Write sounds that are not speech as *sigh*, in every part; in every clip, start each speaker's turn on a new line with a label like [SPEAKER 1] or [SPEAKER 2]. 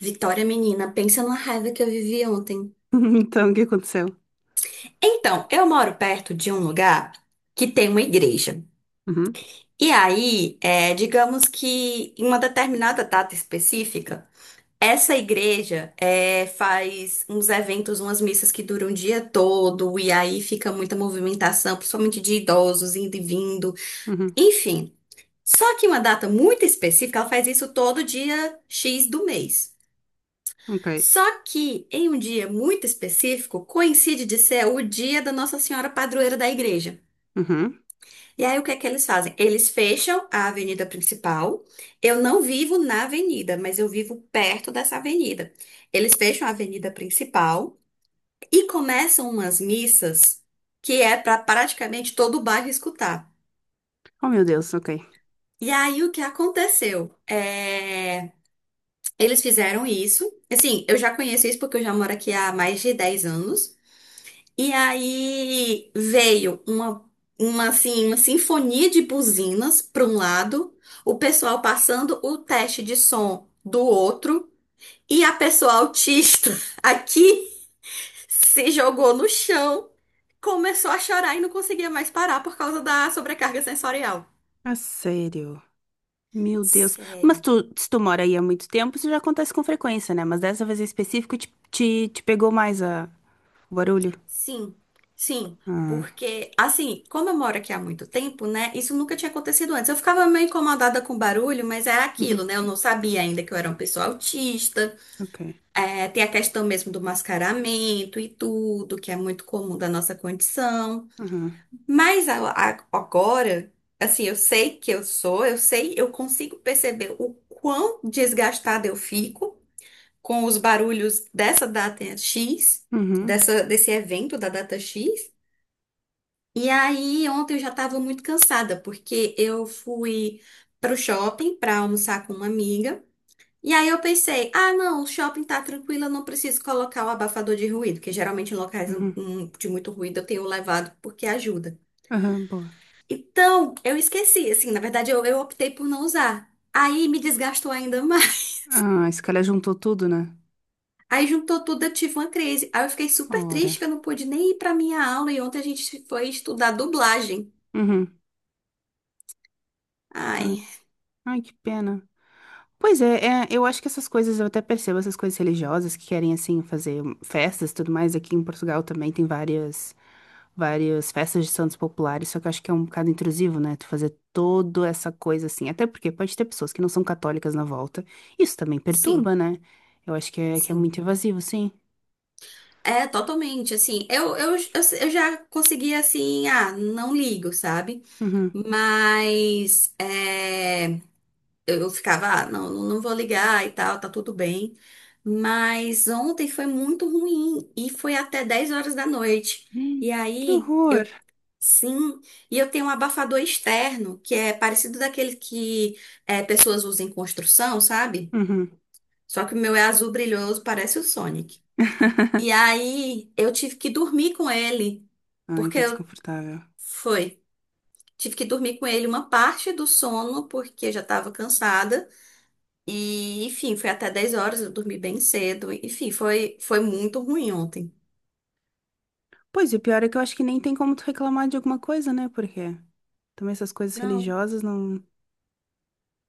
[SPEAKER 1] Vitória, menina, pensa na raiva que eu vivi ontem.
[SPEAKER 2] *laughs* Então, o que aconteceu?
[SPEAKER 1] Então, eu moro perto de um lugar que tem uma igreja.
[SPEAKER 2] Uhum,
[SPEAKER 1] E aí, digamos que em uma determinada data específica, essa igreja faz uns eventos, umas missas que duram o dia todo, e aí fica muita movimentação, principalmente de idosos indo e vindo,
[SPEAKER 2] uhum,
[SPEAKER 1] enfim. Só que uma data muito específica, ela faz isso todo dia X do mês.
[SPEAKER 2] ok.
[SPEAKER 1] Só que em um dia muito específico, coincide de ser o dia da Nossa Senhora Padroeira da igreja.
[SPEAKER 2] Uhum.
[SPEAKER 1] E aí o que é que eles fazem? Eles fecham a avenida principal. Eu não vivo na avenida, mas eu vivo perto dessa avenida. Eles fecham a avenida principal e começam umas missas que é para praticamente todo o bairro escutar.
[SPEAKER 2] Oh, meu Deus, ok.
[SPEAKER 1] E aí o que aconteceu? Eles fizeram isso. Assim, eu já conheço isso porque eu já moro aqui há mais de 10 anos. E aí veio assim, uma sinfonia de buzinas para um lado, o pessoal passando o teste de som do outro, e a pessoa autista *laughs* aqui se jogou no chão, começou a chorar e não conseguia mais parar por causa da sobrecarga sensorial.
[SPEAKER 2] Ah, sério? Meu Deus. Mas
[SPEAKER 1] Sério.
[SPEAKER 2] tu, se tu mora aí há muito tempo, isso já acontece com frequência, né? Mas dessa vez em específico, te pegou mais o barulho?
[SPEAKER 1] Sim, sim,
[SPEAKER 2] Ah,
[SPEAKER 1] porque assim, como eu moro aqui há muito tempo, né? Isso nunca tinha acontecido antes. Eu ficava meio incomodada com o barulho, mas era aquilo,
[SPEAKER 2] uhum,
[SPEAKER 1] né? Eu não sabia ainda que eu era uma pessoa autista.
[SPEAKER 2] ok.
[SPEAKER 1] É, tem a questão mesmo do mascaramento e tudo, que é muito comum da nossa condição.
[SPEAKER 2] Uhum,
[SPEAKER 1] Mas agora, assim, eu sei que eu sou, eu sei, eu consigo perceber o quão desgastada eu fico com os barulhos dessa data X,
[SPEAKER 2] uhum,
[SPEAKER 1] desse evento da data X. E aí, ontem eu já estava muito cansada, porque eu fui para o shopping para almoçar com uma amiga. E aí eu pensei, ah, não, o shopping tá tranquilo, eu não preciso colocar o abafador de ruído, que geralmente em locais
[SPEAKER 2] uhum.
[SPEAKER 1] de muito ruído eu tenho levado porque ajuda.
[SPEAKER 2] Aham, boa.
[SPEAKER 1] Então, eu esqueci, assim, na verdade eu optei por não usar. Aí me desgastou ainda mais.
[SPEAKER 2] Ah, esse cara juntou tudo, né?
[SPEAKER 1] *laughs* Aí juntou tudo, eu tive uma crise. Aí eu fiquei super
[SPEAKER 2] Ora.
[SPEAKER 1] triste que eu não pude nem ir para minha aula e ontem a gente foi estudar dublagem.
[SPEAKER 2] Uhum. Ai,
[SPEAKER 1] Ai,
[SPEAKER 2] ai, que pena. Pois é, eu acho que essas coisas, eu até percebo essas coisas religiosas que querem, assim, fazer festas e tudo mais. Aqui em Portugal também tem várias, várias festas de santos populares, só que eu acho que é um bocado intrusivo, né? Tu fazer toda essa coisa assim. Até porque pode ter pessoas que não são católicas na volta. Isso também
[SPEAKER 1] sim,
[SPEAKER 2] perturba, né? Eu acho que que é
[SPEAKER 1] sim.
[SPEAKER 2] muito invasivo, sim.
[SPEAKER 1] É, totalmente, assim, eu já consegui, assim, ah, não ligo, sabe?
[SPEAKER 2] Uhum.
[SPEAKER 1] Mas eu ficava, ah, não, não não vou ligar e tal, tá tudo bem. Mas ontem foi muito ruim e foi até 10 horas da noite. E
[SPEAKER 2] Ih, que
[SPEAKER 1] aí,
[SPEAKER 2] horror!
[SPEAKER 1] sim, e eu tenho um abafador externo, que é parecido daquele que pessoas usam em construção, sabe?
[SPEAKER 2] Uhum.
[SPEAKER 1] Só que o meu é azul brilhoso, parece o Sonic. E
[SPEAKER 2] *laughs*
[SPEAKER 1] aí, eu tive que dormir com ele.
[SPEAKER 2] Ai,
[SPEAKER 1] Porque
[SPEAKER 2] que
[SPEAKER 1] eu-
[SPEAKER 2] desconfortável.
[SPEAKER 1] Foi. Tive que dormir com ele uma parte do sono, porque já estava cansada. E, enfim, foi até 10 horas, eu dormi bem cedo. Enfim, foi muito ruim ontem.
[SPEAKER 2] Pois, e o pior é que eu acho que nem tem como tu reclamar de alguma coisa, né? Porque também essas coisas
[SPEAKER 1] Não,
[SPEAKER 2] religiosas não.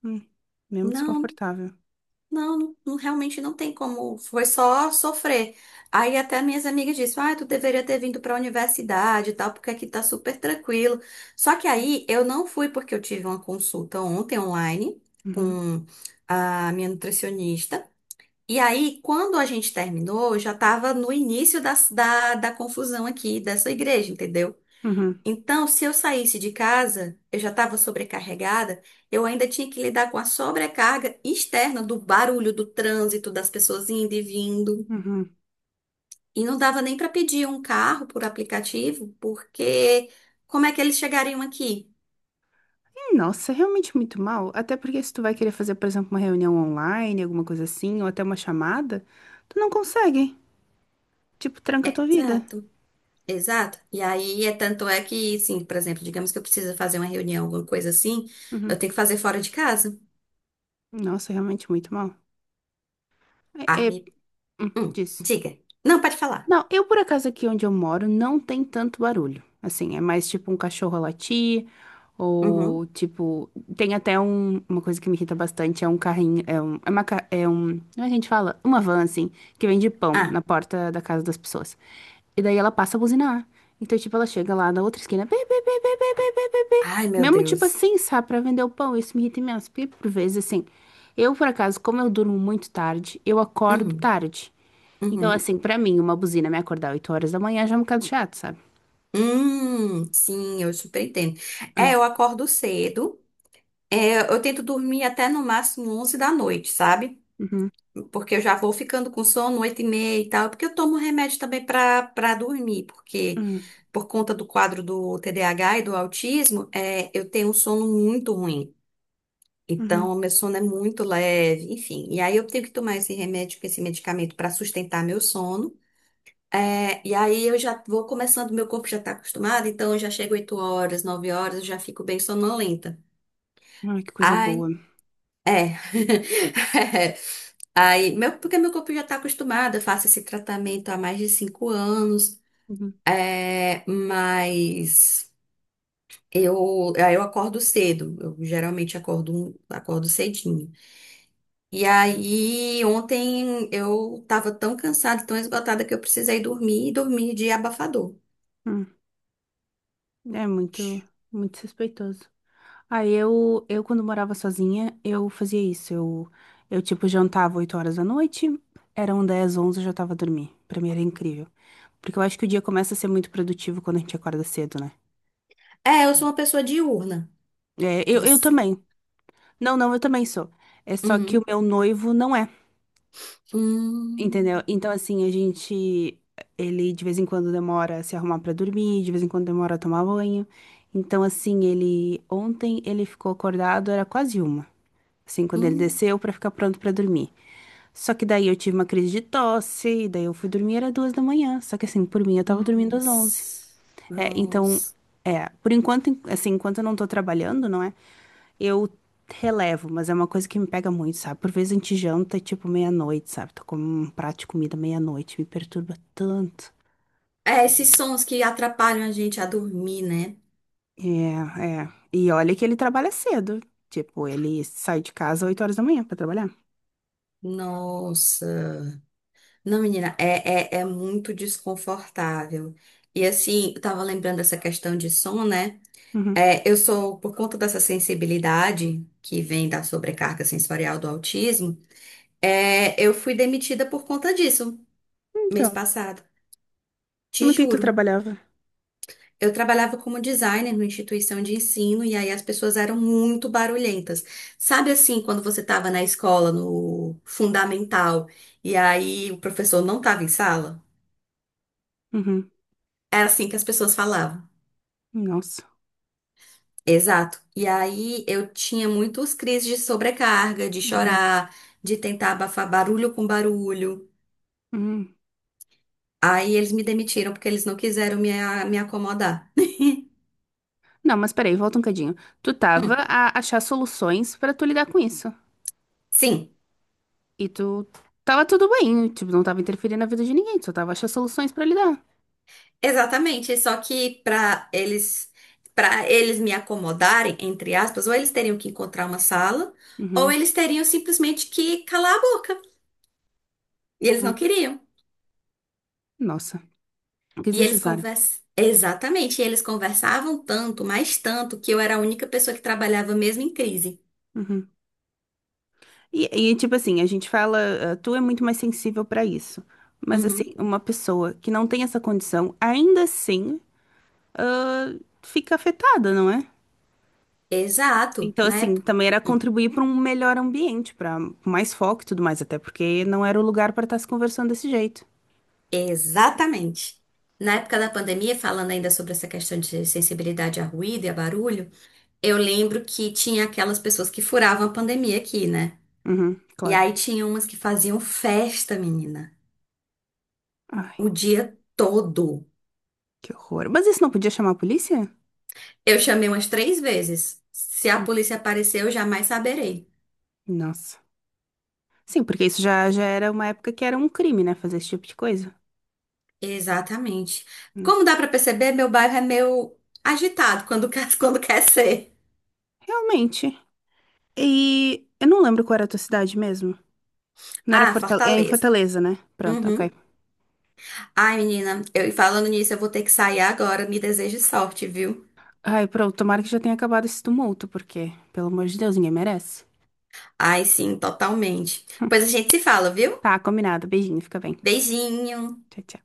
[SPEAKER 2] Hum, mesmo
[SPEAKER 1] não,
[SPEAKER 2] desconfortável.
[SPEAKER 1] não, não, realmente não tem como. Foi só sofrer. Aí até minhas amigas disseram, ah, tu deveria ter vindo para a universidade e tal, porque aqui tá super tranquilo. Só que aí eu não fui porque eu tive uma consulta ontem online
[SPEAKER 2] Uhum,
[SPEAKER 1] com a minha nutricionista. E aí, quando a gente terminou, eu já estava no início da confusão aqui dessa igreja, entendeu?
[SPEAKER 2] uhum,
[SPEAKER 1] Então, se eu saísse de casa, eu já estava sobrecarregada, eu ainda tinha que lidar com a sobrecarga externa do barulho, do trânsito, das pessoas indo e vindo.
[SPEAKER 2] uhum.
[SPEAKER 1] E não dava nem para pedir um carro por aplicativo, porque como é que eles chegariam aqui?
[SPEAKER 2] Nossa, é realmente muito mal. Até porque se tu vai querer fazer, por exemplo, uma reunião online, alguma coisa assim, ou até uma chamada, tu não consegue. Tipo, tranca a tua vida.
[SPEAKER 1] Exato. Exato. E aí, é tanto é que, sim, por exemplo, digamos que eu preciso fazer uma reunião, alguma coisa assim,
[SPEAKER 2] Uhum.
[SPEAKER 1] eu tenho que fazer fora de casa.
[SPEAKER 2] Nossa, é realmente muito mal. É,
[SPEAKER 1] Ai,
[SPEAKER 2] diz.
[SPEAKER 1] diga. Não, pode falar.
[SPEAKER 2] Não, eu por acaso aqui onde eu moro não tem tanto barulho. Assim, é mais tipo um cachorro a latir, ou
[SPEAKER 1] Uhum.
[SPEAKER 2] tipo. Tem até uma coisa que me irrita bastante: é um carrinho. É, um, é, uma, ca- é um. Como é que a gente fala? Uma van, assim, que vende pão na
[SPEAKER 1] Ah,
[SPEAKER 2] porta da casa das pessoas. E daí ela passa a buzinar. Então, tipo, ela chega lá na outra esquina. "Bê, bê, bê, bê, bê, bê, bê, bê, bê."
[SPEAKER 1] ai, meu
[SPEAKER 2] Mesmo tipo
[SPEAKER 1] Deus.
[SPEAKER 2] assim, sabe, pra vender o pão. Isso me irrita imenso. Porque por vezes, assim, eu, por acaso, como eu durmo muito tarde, eu acordo
[SPEAKER 1] Uhum,
[SPEAKER 2] tarde. Então,
[SPEAKER 1] uhum.
[SPEAKER 2] assim, pra mim, uma buzina me acordar 8 horas da manhã já é um bocado chato, sabe?
[SPEAKER 1] Sim, eu super entendo. É,
[SPEAKER 2] Ah,
[SPEAKER 1] eu acordo cedo. É, eu tento dormir até no máximo 11 da noite, sabe?
[SPEAKER 2] uhum,
[SPEAKER 1] Porque eu já vou ficando com sono 8h30 e tal. Porque eu tomo remédio também pra dormir. Porque
[SPEAKER 2] uhum,
[SPEAKER 1] por conta do quadro do TDAH e do autismo, eu tenho um sono muito ruim.
[SPEAKER 2] uhum.
[SPEAKER 1] Então, meu sono é muito leve, enfim. E aí eu tenho que tomar esse remédio, esse medicamento para sustentar meu sono. É, e aí eu já vou começando, meu corpo já está acostumado, então eu já chego 8 horas, 9 horas, eu já fico bem sonolenta.
[SPEAKER 2] Ai, que coisa
[SPEAKER 1] Ai,
[SPEAKER 2] boa.
[SPEAKER 1] é. *laughs* Aí, meu, porque meu corpo já está acostumado, eu faço esse tratamento há mais de 5 anos,
[SPEAKER 2] Uhum,
[SPEAKER 1] mas aí eu acordo cedo, eu geralmente acordo cedinho. E aí, ontem eu tava tão cansada, tão esgotada que eu precisei dormir e dormir de abafador.
[SPEAKER 2] uhum. É muito, muito suspeitoso. Aí eu quando morava sozinha, eu fazia isso. Eu tipo, jantava 8 horas da noite, eram 10, 11, eu já tava a dormir. Pra mim era incrível. Porque eu acho que o dia começa a ser muito produtivo quando a gente acorda cedo, né?
[SPEAKER 1] É, eu sou uma pessoa diurna.
[SPEAKER 2] É, eu
[SPEAKER 1] Você.
[SPEAKER 2] também. Não, não, eu também sou. É só que o
[SPEAKER 1] Uhum.
[SPEAKER 2] meu noivo não é, entendeu?
[SPEAKER 1] Hum,
[SPEAKER 2] Então, assim, a gente. Ele de vez em quando demora a se arrumar pra dormir, de vez em quando demora a tomar banho. Então, assim, ele. Ontem ele ficou acordado, era quase uma. Assim, quando ele
[SPEAKER 1] hum.
[SPEAKER 2] desceu pra ficar pronto pra dormir. Só que daí eu tive uma crise de tosse, e daí eu fui dormir, era 2 da manhã. Só que assim, por mim, eu tava dormindo às 11.
[SPEAKER 1] Nossa.
[SPEAKER 2] É, então,
[SPEAKER 1] Nossa.
[SPEAKER 2] é, por enquanto, assim, enquanto eu não tô trabalhando, não é? Eu relevo, mas é uma coisa que me pega muito, sabe? Por vezes a gente janta, tipo, meia-noite, sabe? Tô com um prato de comida meia-noite, me perturba tanto.
[SPEAKER 1] É, esses sons que atrapalham a gente a dormir, né?
[SPEAKER 2] É, é. E olha que ele trabalha cedo. Tipo, ele sai de casa 8 horas da manhã pra trabalhar.
[SPEAKER 1] Nossa. Não, menina, é muito desconfortável. E assim, eu tava lembrando dessa questão de som, né?
[SPEAKER 2] Uhum.
[SPEAKER 1] É, eu sou, por conta dessa sensibilidade que vem da sobrecarga sensorial do autismo, eu fui demitida por conta disso mês
[SPEAKER 2] Então,
[SPEAKER 1] passado. Te
[SPEAKER 2] no que tu
[SPEAKER 1] juro.
[SPEAKER 2] trabalhava?
[SPEAKER 1] Eu trabalhava como designer numa instituição de ensino e aí as pessoas eram muito barulhentas. Sabe assim, quando você estava na escola, no fundamental, e aí o professor não estava em sala?
[SPEAKER 2] Uhum.
[SPEAKER 1] Era assim que as pessoas falavam.
[SPEAKER 2] Nossa.
[SPEAKER 1] Exato. E aí eu tinha muitos crises de sobrecarga, de
[SPEAKER 2] Uhum,
[SPEAKER 1] chorar, de tentar abafar barulho com barulho.
[SPEAKER 2] uhum.
[SPEAKER 1] Aí eles me demitiram porque eles não quiseram me acomodar.
[SPEAKER 2] Não, mas peraí, volta um cadinho. Tu tava
[SPEAKER 1] Hum,
[SPEAKER 2] a achar soluções pra tu lidar com isso.
[SPEAKER 1] sim,
[SPEAKER 2] E tu tava tudo bem, tipo, não tava interferindo na vida de ninguém, tu só tava a achar soluções pra lidar.
[SPEAKER 1] exatamente. Só que para eles me acomodarem, entre aspas, ou eles teriam que encontrar uma sala, ou
[SPEAKER 2] Uhum.
[SPEAKER 1] eles teriam simplesmente que calar a boca. E eles não
[SPEAKER 2] Ah,
[SPEAKER 1] queriam.
[SPEAKER 2] nossa, que
[SPEAKER 1] E eles
[SPEAKER 2] desnecessário.
[SPEAKER 1] conversam. Exatamente, e eles conversavam tanto, mais tanto, que eu era a única pessoa que trabalhava mesmo em crise.
[SPEAKER 2] Uhum. E, e, tipo assim, a gente fala, ah, tu é muito mais sensível pra isso. Mas assim,
[SPEAKER 1] Uhum.
[SPEAKER 2] uma pessoa que não tem essa condição, ainda assim, ah, fica afetada, não é?
[SPEAKER 1] Exato,
[SPEAKER 2] Então,
[SPEAKER 1] na
[SPEAKER 2] assim,
[SPEAKER 1] época.
[SPEAKER 2] também era
[SPEAKER 1] Hum,
[SPEAKER 2] contribuir para um melhor ambiente, para mais foco e tudo mais, até porque não era o lugar para estar se conversando desse jeito.
[SPEAKER 1] Exatamente. Na época da pandemia, falando ainda sobre essa questão de sensibilidade a ruído e a barulho, eu lembro que tinha aquelas pessoas que furavam a pandemia aqui, né?
[SPEAKER 2] Uhum,
[SPEAKER 1] E
[SPEAKER 2] claro.
[SPEAKER 1] aí tinha umas que faziam festa, menina,
[SPEAKER 2] Ai,
[SPEAKER 1] o dia todo.
[SPEAKER 2] que horror. Mas isso não podia chamar a polícia?
[SPEAKER 1] Eu chamei umas três vezes. Se a
[SPEAKER 2] Hum,
[SPEAKER 1] polícia aparecer, eu jamais saberei.
[SPEAKER 2] Nossa. Sim, porque isso já era uma época que era um crime, né? Fazer esse tipo de coisa.
[SPEAKER 1] Exatamente.
[SPEAKER 2] Hum,
[SPEAKER 1] Como dá pra perceber, meu bairro é meio agitado quando quer, *laughs* quando quer ser.
[SPEAKER 2] Realmente. E eu não lembro qual era a tua cidade mesmo. Não era
[SPEAKER 1] Ah,
[SPEAKER 2] Fortaleza. É em
[SPEAKER 1] Fortaleza.
[SPEAKER 2] Fortaleza, né? Pronto, ok.
[SPEAKER 1] Uhum. Ai, menina, eu e falando nisso, eu vou ter que sair agora. Me desejo sorte, viu?
[SPEAKER 2] Ai, pronto, tomara que já tenha acabado esse tumulto, porque, pelo amor de Deus, ninguém merece.
[SPEAKER 1] Ai, sim, totalmente.
[SPEAKER 2] Hum,
[SPEAKER 1] Pois a gente se fala, viu?
[SPEAKER 2] Tá, combinado. Beijinho, fica bem.
[SPEAKER 1] Beijinho. Tchau.
[SPEAKER 2] Tchau, tchau.